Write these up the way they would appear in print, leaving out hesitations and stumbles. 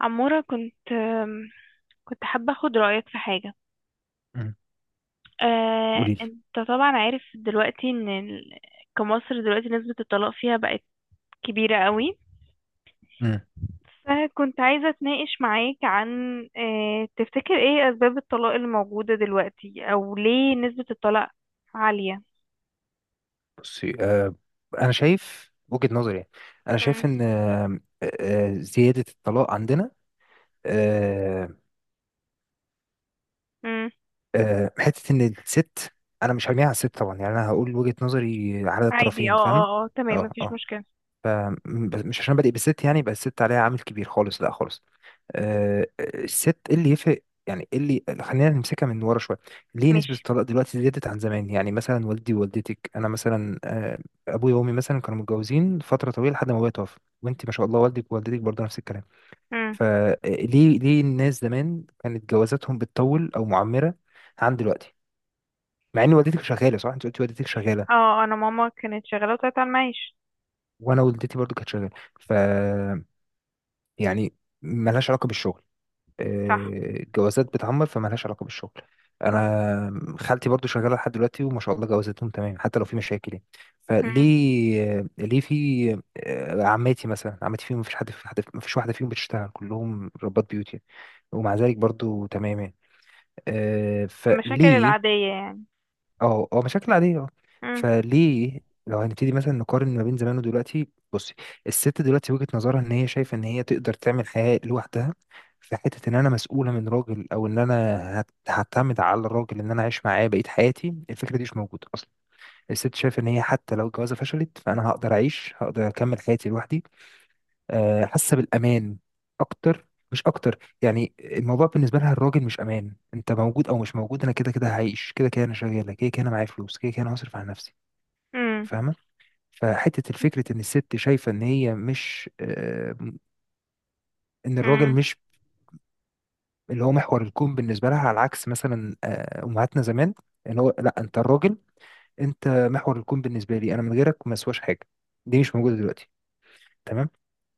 عمورة، كنت حابة أخد رأيك في حاجة. مم. قولي لي. أنت طبعا عارف دلوقتي كمصر دلوقتي نسبة الطلاق فيها بقت كبيرة قوي. مم. فكنت عايزة أتناقش معاك عن تفتكر إيه أسباب الطلاق اللي موجودة دلوقتي، أو ليه نسبة الطلاق عالية؟ بصي، انا شايف وجهة نظري. يعني انا مم. شايف ان زيادة الطلاق عندنا آه مم. حتة ان الست، انا مش هرميها على الست طبعا. يعني انا هقول وجهة نظري على عادي، اه الطرفين. فاهمة؟ اه اه، تمام، اه مفيش اه. مشكلة. مش عشان بادئ بالست يعني يبقى الست عليها عامل كبير خالص، لا خالص. الست، ايه اللي يفرق يعني، ايه اللي خلينا نمسكها من ورا شويه. ليه نسبه ماشي. الطلاق دلوقتي زادت عن زمان؟ يعني مثلا والدي ووالدتك، انا مثلا، ابويا وامي مثلا كانوا متجوزين فتره طويله لحد ما ابويا توفى، وانت ما شاء الله والدك ووالدتك برضه نفس الكلام. مم. فليه ليه الناس زمان كانت جوازاتهم بتطول او معمره عن دلوقتي؟ مع ان والدتك شغاله، صح؟ انت قلتي والدتك اه، شغاله، أنا ماما كانت شغالة وطلعت على المعاش. وانا والدتي برضه كانت شغاله. ف يعني ملهاش علاقه بالشغل. صح. جوازات بتعمر فمالهاش علاقة بالشغل. صح. انا خالتي برضو شغالة لحد دلوقتي وما شاء الله جوازاتهم تمام حتى لو في مشاكل يعني. مم. فليه ليه في عماتي مثلا، عماتي فيهم مفيش حد، في حد مفيش واحدة فيهم بتشتغل، كلهم ربات بيوت يعني، ومع ذلك برضو تمام يعني. المشاكل فليه؟ العادية يعني. اه اه، مشاكل عادية اه. فليه لو هنبتدي مثلا نقارن ما بين زمان ودلوقتي؟ بصي، الست دلوقتي وجهة نظرها ان هي شايفة ان هي تقدر تعمل حياة لوحدها، في حتة ان انا مسؤولة من راجل، او ان انا هعتمد على الراجل ان انا اعيش معاه بقية حياتي. الفكرة دي مش موجودة اصلا. الست شايفة ان هي حتى لو الجوازة فشلت، فانا هقدر اعيش، هقدر اكمل حياتي لوحدي. حاسه بالامان اكتر، مش اكتر، يعني الموضوع بالنسبه لها الراجل مش امان، انت موجود او مش موجود انا كده كده هعيش، كده كده انا شغاله، كده كده انا معايا فلوس، كده كده انا هصرف على نفسي. مم. فاهمه؟ فحته الفكره ان الست شايفه ان هي مش ان الراجل مم. مش اللي هو محور الكون بالنسبه لها، على عكس مثلا امهاتنا زمان. ان هو لا، انت الراجل، انت محور الكون بالنسبه لي انا، من غيرك ما اسواش حاجه. دي مش موجوده دلوقتي. تمام؟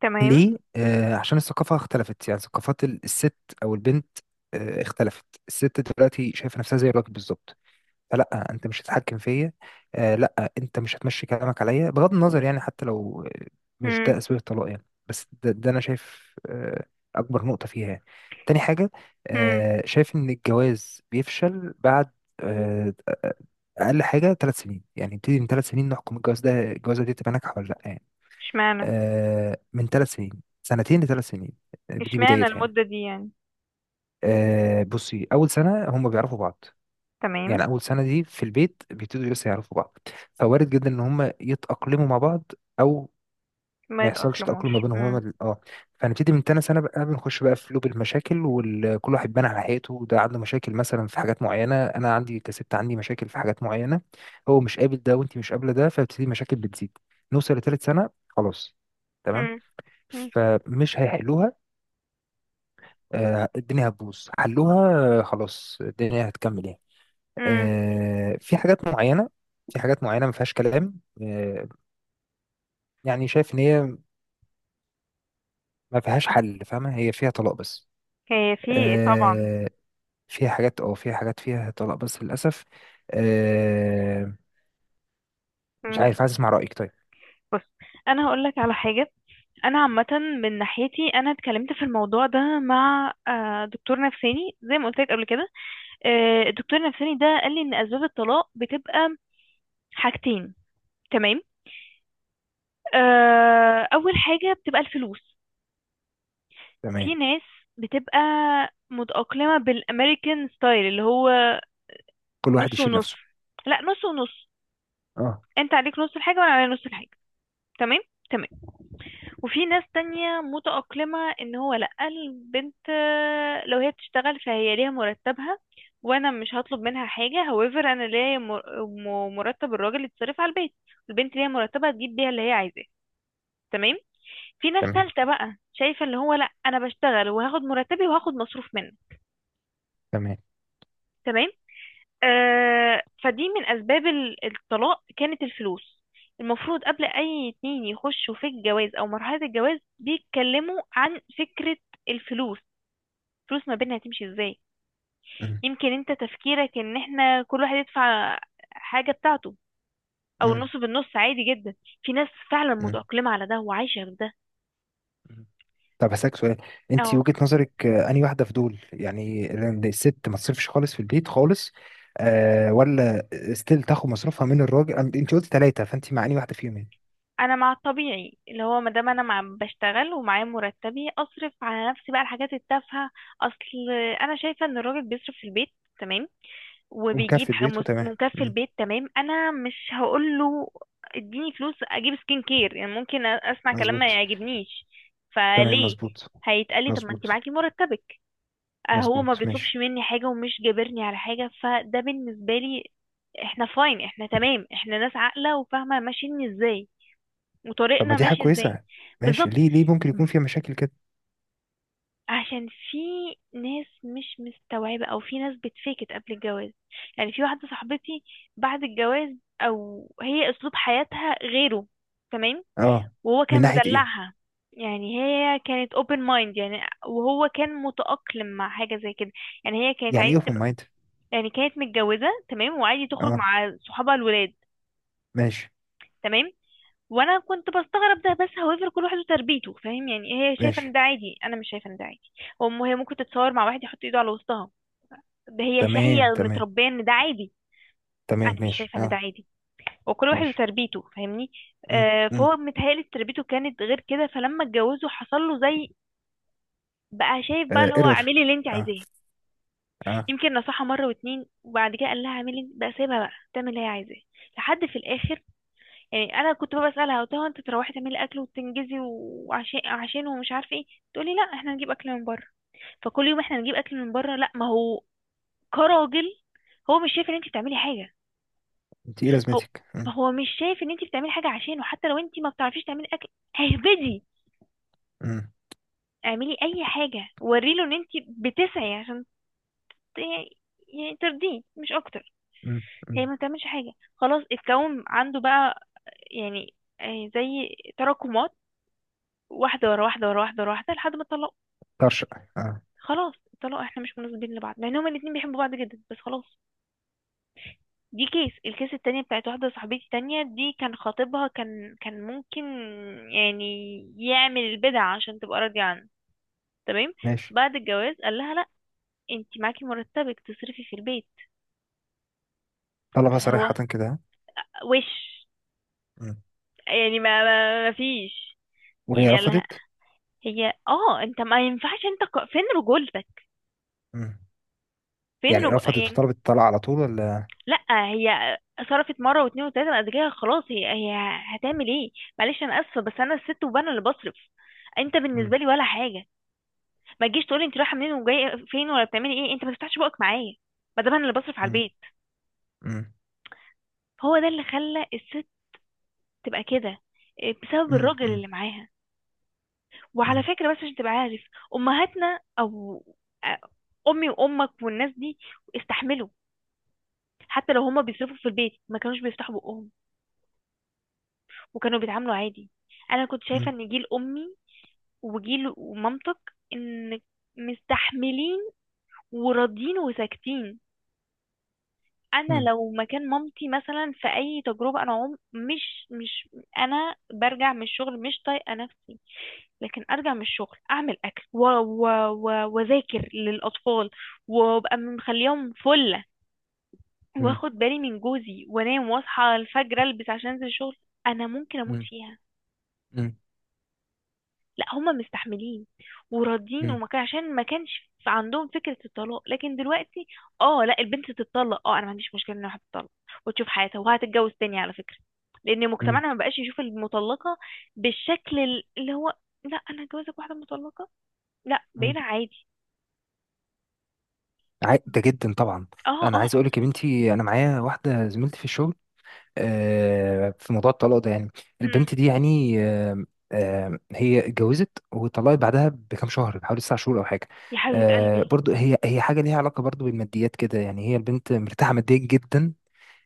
تمام. ليه؟ عشان الثقافة اختلفت. يعني ثقافات الست أو البنت اختلفت. الست دلوقتي شايفة نفسها زي الراجل بالظبط، فلا، أنت مش هتتحكم فيا، لا أنت مش هتمشي كلامك عليا، بغض النظر يعني حتى لو مش مم. ده أسباب الطلاق يعني، بس ده, أنا شايف أكبر نقطة فيها يعني. تاني حاجة، مم. شايف إن الجواز بيفشل بعد آه أقل حاجة 3 سنين. يعني نبتدي من 3 سنين نحكم الجواز ده، الجوازة دي تبقى ناجحة ولا لأ يعني. اشمعنى؟ من 3 سنين، سنتين لثلاث سنين، دي اشمعنى بدايتها يعني. المدة دي يعني؟ بصي، اول سنه هم بيعرفوا بعض. تمام. يعني اول سنه دي في البيت بيبتدوا لسه يعرفوا بعض، فوارد جدا ان هم يتاقلموا مع بعض او ما ما يحصلش تاقلم ما يتأقلموش. بينهم. هما مم. ال- اه فنبتدي من تاني سنه بقى، بنخش بقى في لوب المشاكل، وكل واحد بان على حقيقته. ده عنده مشاكل مثلا في حاجات معينه، انا عندي، كسبت عندي مشاكل في حاجات معينه، هو مش قابل ده وانت مش قابله ده، فبتبتدي مشاكل بتزيد. نوصل لتالت سنه، خلاص، تمام، مم. مم. فمش هيحلوها. الدنيا هتبوظ حلوها. خلاص الدنيا هتكمل يعني. مم. في حاجات معينة، في حاجات معينة ما فيهاش كلام. يعني شايف ان هي ما فيهاش حل فاهمة، هي فيها طلاق بس. هي في طبعا. آه، فيها حاجات، اه فيها حاجات فيها طلاق بس للأسف. آه، مش مم. عارف، عايز اسمع رأيك. طيب، بص، انا هقول لك على حاجة. انا عامة، من ناحيتي انا اتكلمت في الموضوع ده مع دكتور نفساني زي ما قلت لك قبل كده. الدكتور النفساني ده قال لي ان اسباب الطلاق بتبقى حاجتين. تمام. اول حاجة بتبقى الفلوس. في تمام، ناس بتبقى متأقلمة بالأمريكان ستايل، اللي هو كل واحد نص يشيل ونص. نفسه. لا، نص ونص، اه، انت عليك نص الحاجة وانا عليا نص الحاجة. تمام. تمام. وفي ناس تانية متأقلمة ان هو لا، البنت لو هي بتشتغل فهي ليها مرتبها، وانا مش هطلب منها حاجة. However انا ليا مرتب، الراجل يتصرف على البيت، البنت ليها مرتبها تجيب بيها اللي هي عايزاه. تمام. في ناس تمام تالتة بقى شايفة اللي هو لا، انا بشتغل وهاخد مرتبي وهاخد مصروف منه. تمام. تمام. فدي من اسباب الطلاق، كانت الفلوس. المفروض قبل اي اتنين يخشوا في الجواز او مرحلة الجواز بيتكلموا عن فكرة الفلوس. الفلوس ما بينها هتمشي ازاي؟ مم، يمكن انت تفكيرك ان احنا كل واحد يدفع حاجة بتاعته، او مم، النص بالنص، عادي جدا. في ناس فعلا مم. متأقلمة على ده وعايشة بده. مم. طب هسألك سؤال، انت اه، وجهة نظرك انهي واحدة في دول يعني؟ لأن الست ما تصرفش خالص في البيت خالص ولا ستيل تاخد مصروفها من الراجل؟ انت قلت ثلاثة، فانت مع انهي واحدة فيهم يعني؟ انا مع الطبيعي اللي هو ما دام انا مع بشتغل ومعايا مرتبي، اصرف على نفسي بقى الحاجات التافهه. اصل انا شايفه ان الراجل بيصرف في البيت، تمام، وبيجيب ومكفي البيت وتمام. مكفل مم، بيت. تمام. انا مش هقول له اديني فلوس اجيب سكين كير. يعني ممكن اسمع كلام ما مظبوط. يعجبنيش. تمام فليه مظبوط. هيتقالي طب ما انت مظبوط. معاكي مرتبك. هو ما مظبوط بيطلبش ماشي. مني حاجة ومش جابرني على حاجة، فده بالنسبة لي احنا فاين احنا. تمام، احنا ناس عاقلة وفاهمة ماشيين ازاي، طب ما وطريقنا دي حاجة ماشي ازاي. كويسة، ماشي، بالظبط. ليه ليه ممكن يكون فيها مشاكل كده؟ عشان في ناس مش مستوعبة، او في ناس بتفيكت قبل الجواز. يعني في واحدة صاحبتي، بعد الجواز او هي اسلوب حياتها غيره. تمام. اه، وهو من كان ناحية ايه؟ مدلعها. يعني هي كانت open mind، يعني وهو كان متأقلم مع حاجة زي كده. يعني هي كانت يعني ايه عايزة اوبن تبقى، مايند؟ يعني كانت متجوزة، تمام، وعادي تخرج اه مع صحابها الولاد. ماشي. تمام. وانا كنت بستغرب ده، بس however كل واحد وتربيته، فاهم يعني. هي شايفة ماشي. ان ده عادي، انا مش شايفة ان ده عادي. وام، هي ممكن تتصور مع واحد يحط ايده على وسطها. ده هي هي تمام تمام. متربيه ان ده عادي. تمام انا مش ماشي شايفه ان ده اه. عادي. وكل واحد ماشي. وتربيته، فاهمني. امم فهو متهيألي تربيته كانت غير كده، فلما اتجوزه حصل له زي. بقى شايف بقى اللي هو ايرور اعملي اللي انت عايزاه. اه. يمكن نصحها مره واتنين وبعد كده قال لها اعملي بقى، سيبها بقى تعمل اللي هي عايزاه لحد في الاخر. يعني انا كنت بقى بسالها، قلت لها انت تروحي تعملي اكل وتنجزي وعشان ومش عارفه ايه. تقولي لا، احنا نجيب اكل من بره. فكل يوم احنا نجيب اكل من بره، لا ما هو كراجل هو مش شايف ان انت بتعملي حاجه. انت ايه هو لازمتك؟ مم. هو مش شايف ان انت بتعملي حاجه عشانه، حتى لو انت ما بتعرفيش تعملي اكل، اهبدي مم. اعملي اي حاجه وريله ان انت بتسعي عشان ت- يعني ترضيه، مش اكتر. مم. مم. هي ما بتعملش حاجه، خلاص اتكون عنده بقى، يعني زي تراكمات، واحده ورا واحده ورا واحده ورا واحده لحد ما اتطلقوا. طرش اه. خلاص اتطلقوا، احنا مش مناسبين لبعض، مع ان هما الاتنين بيحبوا بعض جدا، بس خلاص. دي كيس، الكيس التانية بتاعت واحدة صاحبتي تانية، دي كان خطيبها كان ممكن يعني يعمل البدع عشان تبقى راضية عنه. تمام. ماشي. بعد الجواز قال لها لا، انتي معاكي مرتبك تصرفي في البيت. طلبها فاللي هو صريحة كده، ها؟ وش، مم. يعني ما فيش. يعني وهي قال لها رفضت؟ هي انت ما ينفعش، انت فين رجولتك؟ مم. فين يعني رفضت يعني وطلبت الطلاق على طول ولا؟ لا، هي صرفت مره واتنين وتلاته، بعد كده خلاص هي هتعمل ايه؟ معلش، انا اسفه، بس انا الست وانا اللي بصرف. انت مم. بالنسبه لي ولا حاجه، ما تجيش تقولي انت رايحه منين وجايه فين ولا بتعملي ايه، انت ما تفتحش بقك معايا ما دام انا اللي بصرف على مم. البيت. مم. هو ده اللي خلى الست تبقى كده. إيه، بسبب مم. الراجل مم. اللي معاها. وعلى مم. فكره، بس عشان تبقى عارف، امهاتنا او آه، امي وامك والناس دي استحملوا. حتى لو هما بيصرفوا في البيت ما كانوش بيفتحوا بقهم، وكانوا بيتعاملوا عادي. انا كنت شايفه ان جيل امي وجيل ومامتك، ان مستحملين وراضيين وساكتين. انا مم. لو مكان مامتي مثلا في اي تجربه، انا عم مش، انا برجع من الشغل مش طايقه نفسي، لكن ارجع من الشغل اعمل اكل واذاكر للاطفال، وابقى مخليهم فله، مم. واخد بالي من جوزي، وانام واصحى الفجر البس عشان انزل الشغل. انا ممكن مم. اموت مم. فيها. مم. لا هما مستحملين وراضيين، مم. وما كان عشان ما كانش في عندهم فكرة الطلاق، لكن دلوقتي اه لا البنت تتطلق. اه، انا ما عنديش مشكلة ان الواحد تتطلق وتشوف حياتها، وهتتجوز تاني على فكرة، لان مم. مجتمعنا ما بقاش يشوف المطلقة بالشكل اللي هو لا انا هتجوزك واحدة مطلقة. لا، مم. بقينا عادي. ده جدا طبعا. اه انا اه. عايز اقول لك يا بنتي، انا معايا واحده زميلتي في الشغل في موضوع الطلاق ده يعني. مم. البنت دي يعني هي اتجوزت وطلقت بعدها بكام شهر، بحوالي 9 شهور او حاجه. يا حبيبة قلبي، برضو هي، هي حاجه ليها علاقه برضو بالماديات كده يعني، هي البنت مرتاحه ماديا جدا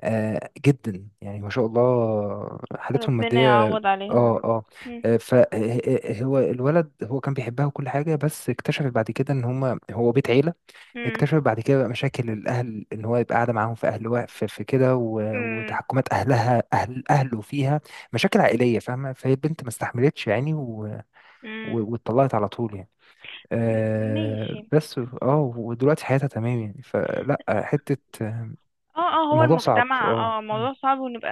جدا يعني، ما شاء الله حالتهم ربنا الماديه. يعوض عليها يا اه رب. اه. مم. فهو الولد، هو كان بيحبها وكل حاجه، بس اكتشفت بعد كده ان هما، هو بيت عيله. مم. اكتشف بعد كده بقى مشاكل الاهل، ان هو يبقى قاعده معاهم في اهل في كده و- مم. وتحكمات اهلها، اهل اهله فيها، مشاكل عائليه فاهمه. فهي البنت ما استحملتش يعني مم. واتطلقت على طول يعني. ماشي. بس اه، ودلوقتي حياتها تمام يعني، فلا حته. آه، اه اه. هو الموضوع صعب المجتمع اه. الموضوع صعب ونبقى.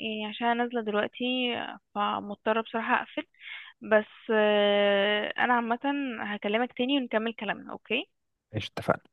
يعني عشان أنا نازلة دلوقتي، فمضطرة بصراحة اقفل. بس انا عامة هكلمك تاني ونكمل كلامنا. اوكي. ماشي، اتفقنا.